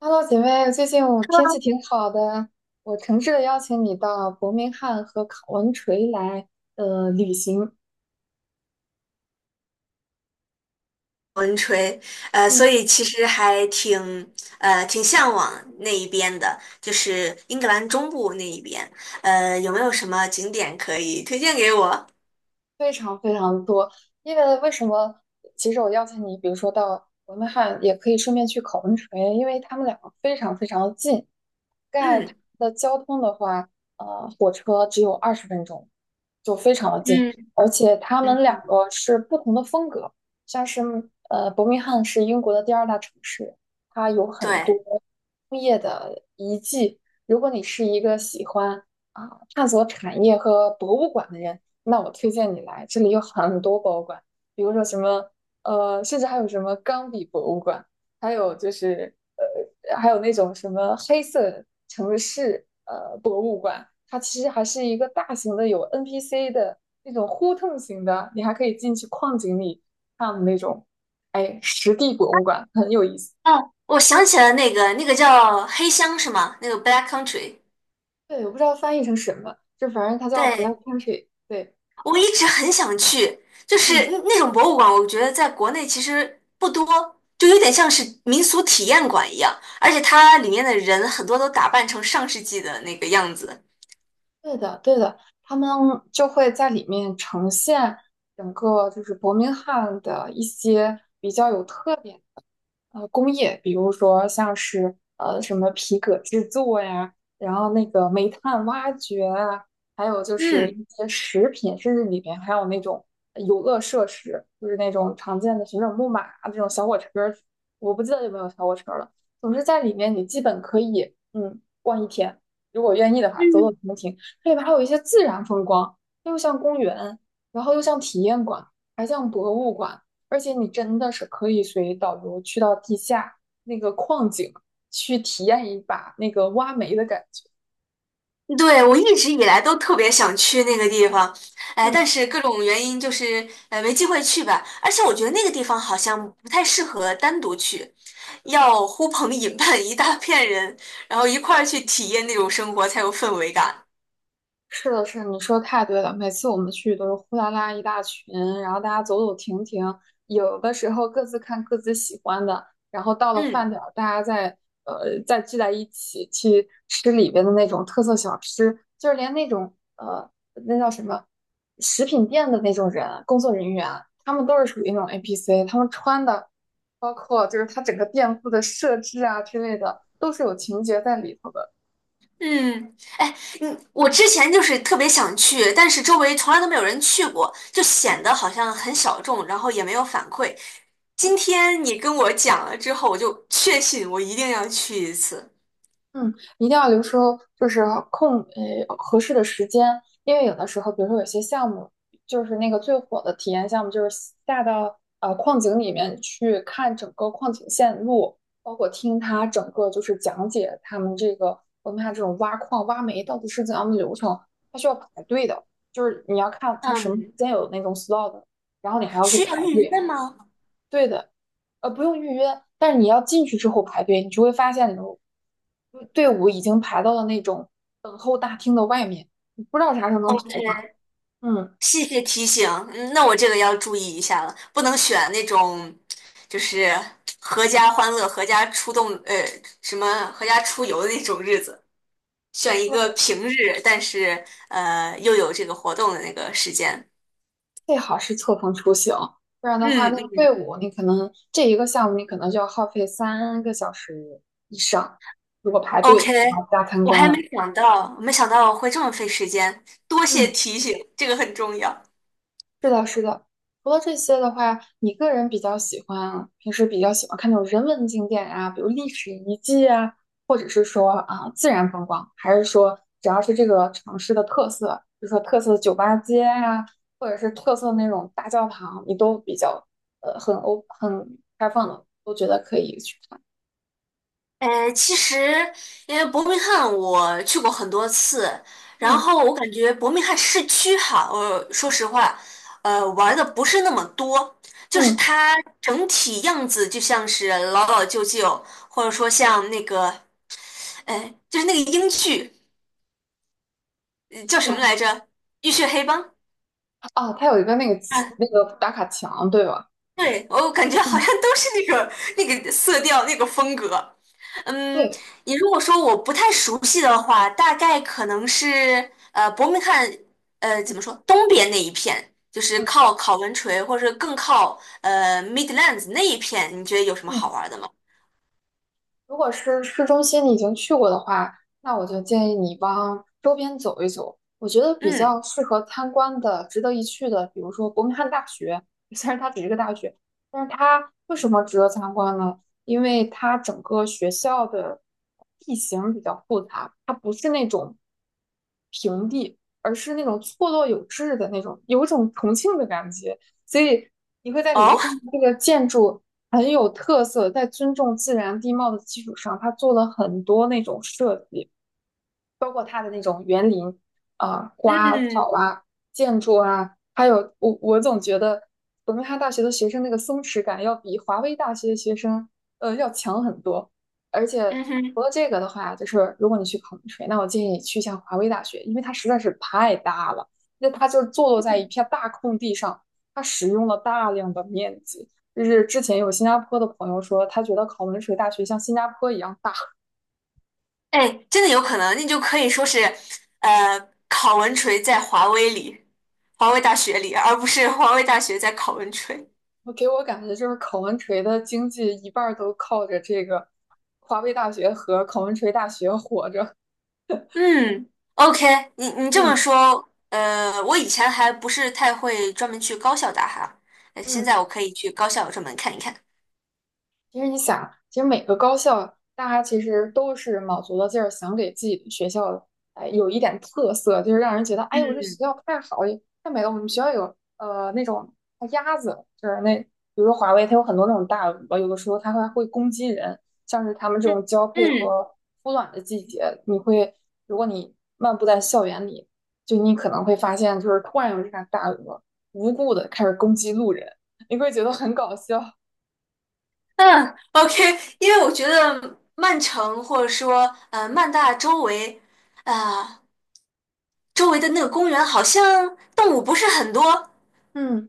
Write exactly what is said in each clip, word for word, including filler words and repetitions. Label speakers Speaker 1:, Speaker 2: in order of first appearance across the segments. Speaker 1: Hello，姐妹，最近我天气挺好的，我诚挚的邀请你到伯明翰和考文垂来呃旅行。
Speaker 2: 文吹，呃，
Speaker 1: 嗯，
Speaker 2: 所以其实还挺，呃，挺向往那一边的，就是英格兰中部那一边，呃，有没有什么景点可以推荐给我？
Speaker 1: 非常非常多，因为为什么？其实我邀请你，比如说到伯明翰，也可以顺便去考文垂，因为他们两个非常非常的近。盖它
Speaker 2: 嗯，
Speaker 1: 的交通的话，呃，火车只有二十分钟，就非常的近。
Speaker 2: 嗯
Speaker 1: 而且他
Speaker 2: 嗯，
Speaker 1: 们两个是不同的风格，像是呃，伯明翰是英国的第二大城市，它有很多
Speaker 2: 对，
Speaker 1: 工业的遗迹。如果你是一个喜欢啊探索产业和博物馆的人，那我推荐你来，这里有很多博物馆，比如说什么，呃，甚至还有什么钢笔博物馆，还有就是呃，还有那种什么黑色城市呃博物馆，它其实还是一个大型的有 N P C 的那种互动型的，你还可以进去矿井里看的那种，哎，实地博物馆很有意思。
Speaker 2: 哦，我想起了那个，那个叫黑乡是吗？那个 Black Country,
Speaker 1: 对，我不知道翻译成什么，就反正它叫
Speaker 2: 对，
Speaker 1: Black Country。对，
Speaker 2: 我一直很想去，就是
Speaker 1: 嗯。
Speaker 2: 那那种博物馆，我觉得在国内其实不多，就有点像是民俗体验馆一样，而且它里面的人很多都打扮成上世纪的那个样子。
Speaker 1: 对的，对的，他们就会在里面呈现整个就是伯明翰的一些比较有特点。呃工业，比如说像是呃什么皮革制作呀，然后那个煤炭挖掘啊，还有就是
Speaker 2: 嗯，
Speaker 1: 一些食品，甚至里面还有那种呃游乐设施，就是那种常见的旋转木马啊这种小火车儿我不记得有没有小火车了。总之在里面你基本可以嗯逛一天，如果愿意的话，走走停停。这里边还有一些自然风光，又像公园，然后又像体验馆，还像博物馆。而且你真的是可以随导游去到地下那个矿井去体验一把那个挖煤的感觉。
Speaker 2: 嗯，对，我一直以来都特别想去那个地方，哎，
Speaker 1: 嗯。
Speaker 2: 但是各种原因就是呃没机会去吧。而且我觉得那个地方好像不太适合单独去，要呼朋引伴一大片人，然后一块儿去体验那种生活才有氛围感。
Speaker 1: 是的，是的你说太对了。每次我们去都是呼啦啦一大群，然后大家走走停停，有的时候各自看各自喜欢的，然后到了饭
Speaker 2: 嗯。
Speaker 1: 点儿，大家再呃再聚在一起去吃里边的那种特色小吃，就是连那种呃那叫什么食品店的那种人，工作人员，他们都是属于那种 A p c 他们穿的，包括就是他整个店铺的设置啊之类的，都是有情节在里头的。
Speaker 2: 嗯，哎，嗯，我之前就是特别想去，但是周围从来都没有人去过，就显得好像很小众，然后也没有反馈。今天你跟我讲了之后，我就确信我一定要去一次。
Speaker 1: 嗯，一定要留出就是空呃合适的时间，因为有的时候，比如说有些项目，就是那个最火的体验项目，就是下到呃矿井里面去看整个矿井线路，包括听他整个就是讲解他们这个我们看这种挖矿挖煤到底是怎样的流程，它需要排队的，就是你要看它什么时
Speaker 2: 嗯，
Speaker 1: 间有那种 slot,然后你还要去
Speaker 2: 需要
Speaker 1: 排
Speaker 2: 预
Speaker 1: 队。
Speaker 2: 约吗？
Speaker 1: 对的，呃，不用预约，但是你要进去之后排队，你就会发现你的队伍已经排到了那种等候大厅的外面，你不知道啥时候能排
Speaker 2: OK,
Speaker 1: 上。嗯，
Speaker 2: 谢谢提醒，嗯，那我这个要注意一下了，不能选那种就是合家欢乐、合家出动，呃，什么合家出游的那种日子。选一个
Speaker 1: 对，
Speaker 2: 平日，但是呃又有这个活动的那个时间。
Speaker 1: 最好是错峰出行，不然的话，
Speaker 2: 嗯
Speaker 1: 那个
Speaker 2: 嗯
Speaker 1: 队伍你可能这一个项目你可能就要耗费三个小时以上，如果排队然
Speaker 2: ，OK,
Speaker 1: 后加参
Speaker 2: 我
Speaker 1: 观
Speaker 2: 还
Speaker 1: 了。
Speaker 2: 没想到，没想到会这么费时间，多谢
Speaker 1: 嗯。
Speaker 2: 提醒，这个很重要。
Speaker 1: 是的，是的。除了这些的话，你个人比较喜欢，平时比较喜欢看那种人文景点啊，比如历史遗迹啊，或者是说啊、自然风光，还是说只要是这个城市的特色，比如说特色的酒吧街呀、或者是特色的那种大教堂，你都比较呃很欧很开放的，都觉得可以去看。
Speaker 2: 呃，其实因为伯明翰我去过很多次，然
Speaker 1: 嗯
Speaker 2: 后我感觉伯明翰市区哈，我说实话，呃，玩的不是那么多，就是
Speaker 1: 嗯，
Speaker 2: 它整体样子就像是老老旧旧，或者说像那个，呃，就是那个英剧。呃叫什么
Speaker 1: 对
Speaker 2: 来着？浴血黑帮
Speaker 1: 啊，它有一个那个
Speaker 2: 啊，
Speaker 1: 那个打卡墙，对吧？
Speaker 2: 对，我感觉好像
Speaker 1: 嗯，
Speaker 2: 都是那个那个色调那个风格。嗯，
Speaker 1: 对，
Speaker 2: 你如果说我不太熟悉的话，大概可能是呃伯明翰呃怎
Speaker 1: 嗯
Speaker 2: 么说东边那一片，就是
Speaker 1: 嗯
Speaker 2: 靠考文垂或者是更靠呃 Midlands 那一片，你觉得有什么好
Speaker 1: 嗯。
Speaker 2: 玩的吗？
Speaker 1: 如果是市中心你已经去过的话，那我就建议你往周边走一走。我觉得比
Speaker 2: 嗯，
Speaker 1: 较适合参观的、值得一去的，比如说伯明翰大学，虽然它只是个大学，但是它为什么值得参观呢？因为它整个学校的地形比较复杂，它不是那种平地，而是那种错落有致的那种，有一种重庆的感觉。所以你会在里面
Speaker 2: 哦，
Speaker 1: 看到这个建筑。很有特色，在尊重自然地貌的基础上，他做了很多那种设计。啊、花啊、草
Speaker 2: 嗯
Speaker 1: 啊、建筑啊，还有我我总觉得伯明翰大学的学生那个松弛感要比华威大学的学生呃要强很多。而且
Speaker 2: 嗯
Speaker 1: 除
Speaker 2: 哼。
Speaker 1: 了这个的话，就是如果你去考文吹，那我建议你去一下华威大学，因为它实在是太大了，那它就坐落在一片大空地上，它使用了大量的面积。就是之前有新加坡的朋友说，他觉得考文垂大学像新加坡一样大。
Speaker 2: 哎，真的有可能，那就可以说是，呃，考文垂在华威里，华威大学里，而不是华威大学在考文垂。
Speaker 1: 我给我感觉就是考文垂的经济一半儿都靠着这个华威大学和考文垂大学活着。
Speaker 2: 嗯，OK,你你这么
Speaker 1: 嗯。
Speaker 2: 说，呃，我以前还不是太会专门去高校打哈，呃现
Speaker 1: 嗯。
Speaker 2: 在我可以去高校专门看一看。
Speaker 1: 其实你想，其实每个高校大家其实都是卯足了劲儿，想给自己的学校哎有一点特色，就是让人觉得哎，我这学
Speaker 2: 嗯
Speaker 1: 校太好了太美了。我们学校有呃那种呃鸭子，就是那比如说华为，它有很多那种大鹅，有的时候它还会攻击人。像是它们这
Speaker 2: 嗯
Speaker 1: 种交配
Speaker 2: 嗯
Speaker 1: 和孵卵的季节，你会如果你漫步在校园里，就你可能会发现，就是突然有一只大鹅无故的开始攻击路人，你会觉得很搞笑。
Speaker 2: 嗯，OK,因为我觉得曼城或者说呃曼大周围，啊、周围的那个公园好像动物不是很多，
Speaker 1: 嗯。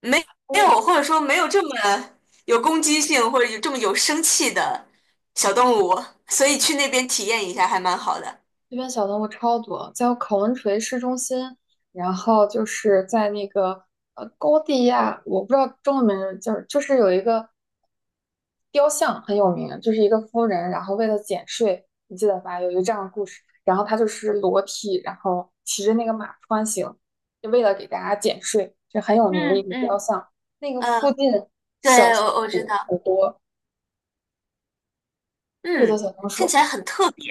Speaker 2: 没没有，
Speaker 1: 哦
Speaker 2: 或者说没有这么有攻击性，或者有这么有生气的小动物，所以去那边体验一下还蛮好的。
Speaker 1: 这边小动物超多，在考文垂市中心，然后就是在那个呃高地亚，我不知道中文名叫，就是有一个雕像很有名，就是一个夫人，然后为了减税，你记得吧？有一个这样的故事，然后她就是裸体，然后骑着那个马穿行，就为了给大家减税，就很有名的一
Speaker 2: 嗯
Speaker 1: 个雕
Speaker 2: 嗯，
Speaker 1: 像。那个附
Speaker 2: 嗯，
Speaker 1: 近小
Speaker 2: 对，
Speaker 1: 松
Speaker 2: 我我知
Speaker 1: 鼠
Speaker 2: 道，
Speaker 1: 很多，特别多
Speaker 2: 嗯，
Speaker 1: 小松
Speaker 2: 听
Speaker 1: 鼠。
Speaker 2: 起来很特别，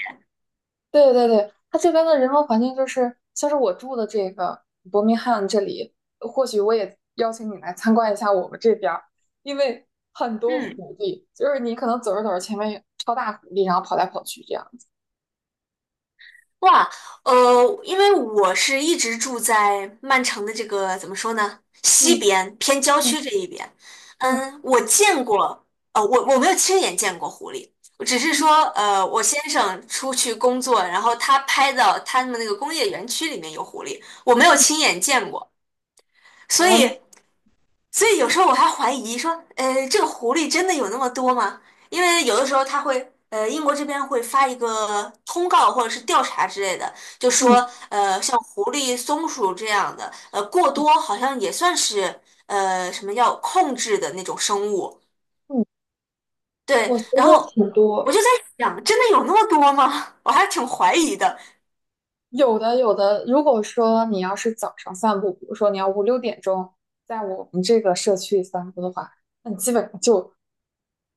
Speaker 1: 对对对，它这边的人文环境就是，像是我住的这个伯明翰这里，或许我也邀请你来参观一下我们这边儿，因为很多
Speaker 2: 嗯。
Speaker 1: 狐狸，就是你可能走着走着前面有超大狐狸，然后跑来跑去这样子。
Speaker 2: 哇，呃，因为我是一直住在曼城的这个怎么说呢，西
Speaker 1: 嗯
Speaker 2: 边偏郊
Speaker 1: 嗯
Speaker 2: 区这一边。
Speaker 1: 嗯
Speaker 2: 嗯，我见过，呃，我我没有亲眼见过狐狸，我只是
Speaker 1: 嗯
Speaker 2: 说，呃，我先生出去工作，然后他拍到他们那个工业园区里面有狐狸，我没有
Speaker 1: 嗯，
Speaker 2: 亲眼见过，
Speaker 1: 好
Speaker 2: 所
Speaker 1: 玩
Speaker 2: 以所以有时候我还怀疑说，呃，这个狐狸真的有那么多吗？因为有的时候它会，呃，英国这边会发一个通告或者是调查之类的，就
Speaker 1: 嗯
Speaker 2: 说，呃，像狐狸、松鼠这样的，呃，过多好像也算是，呃，什么要控制的那种生物。
Speaker 1: 嗯，
Speaker 2: 对，
Speaker 1: 我觉
Speaker 2: 然
Speaker 1: 得
Speaker 2: 后我
Speaker 1: 挺
Speaker 2: 我
Speaker 1: 多。
Speaker 2: 就在想，真的有那么多吗？我还挺怀疑的。
Speaker 1: 有的有的，如果说你要是早上散步，比如说你要五六点钟在我们这个社区散步的话，那你基本上就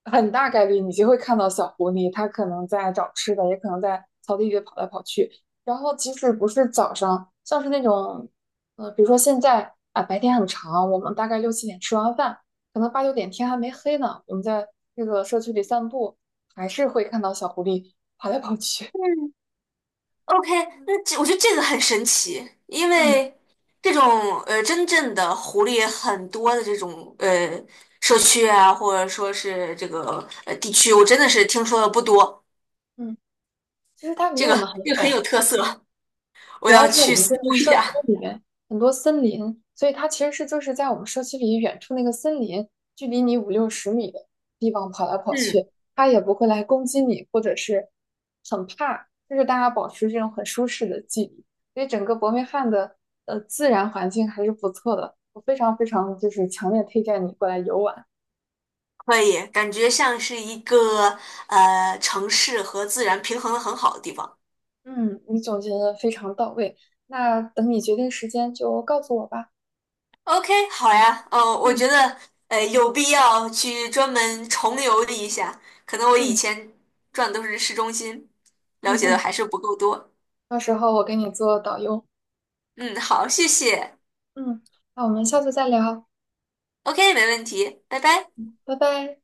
Speaker 1: 很大概率你就会看到小狐狸，它可能在找吃的，也可能在草地里跑来跑去。然后即使不是早上，像是那种，呃，比如说现在啊，白天很长，我们大概六七点吃完饭，可能八九点天还没黑呢，我们在这个社区里散步，还是会看到小狐狸跑来跑去。
Speaker 2: 嗯。OK,那这我觉得这个很神奇，因
Speaker 1: 嗯
Speaker 2: 为这种呃真正的狐狸很多的这种呃社区啊，或者说是这个呃地区，我真的是听说的不多。
Speaker 1: 嗯。其实它离
Speaker 2: 这
Speaker 1: 我
Speaker 2: 个
Speaker 1: 们很
Speaker 2: 这个很
Speaker 1: 远，
Speaker 2: 有特色，我
Speaker 1: 主要
Speaker 2: 要
Speaker 1: 是我
Speaker 2: 去
Speaker 1: 们
Speaker 2: 搜
Speaker 1: 这个
Speaker 2: 一
Speaker 1: 社区
Speaker 2: 下。
Speaker 1: 里面很多森林，所以它其实是就是在我们社区里远处那个森林，距离你五六十米的地方跑来跑
Speaker 2: 嗯，
Speaker 1: 去，它也不会来攻击你，或者是很怕，就是大家保持这种很舒适的距离，所以整个伯明翰的呃自然环境还是不错的，我非常非常就是强烈推荐你过来游玩。
Speaker 2: 可以，感觉像是一个呃城市和自然平衡的很好的地方。
Speaker 1: 嗯，你总结的非常到位，那等你决定时间就告诉我吧。
Speaker 2: OK,好呀，呃，我觉
Speaker 1: 嗯
Speaker 2: 得呃有必要去专门重游一下，可能我以
Speaker 1: 嗯。
Speaker 2: 前转的都是市中心，了
Speaker 1: 嗯
Speaker 2: 解的
Speaker 1: 哼。
Speaker 2: 还是不够多。
Speaker 1: 到时候我给你做导游。
Speaker 2: 嗯，好，谢谢。
Speaker 1: 嗯，那我们下次再聊，
Speaker 2: OK,没问题，拜拜。
Speaker 1: 拜拜。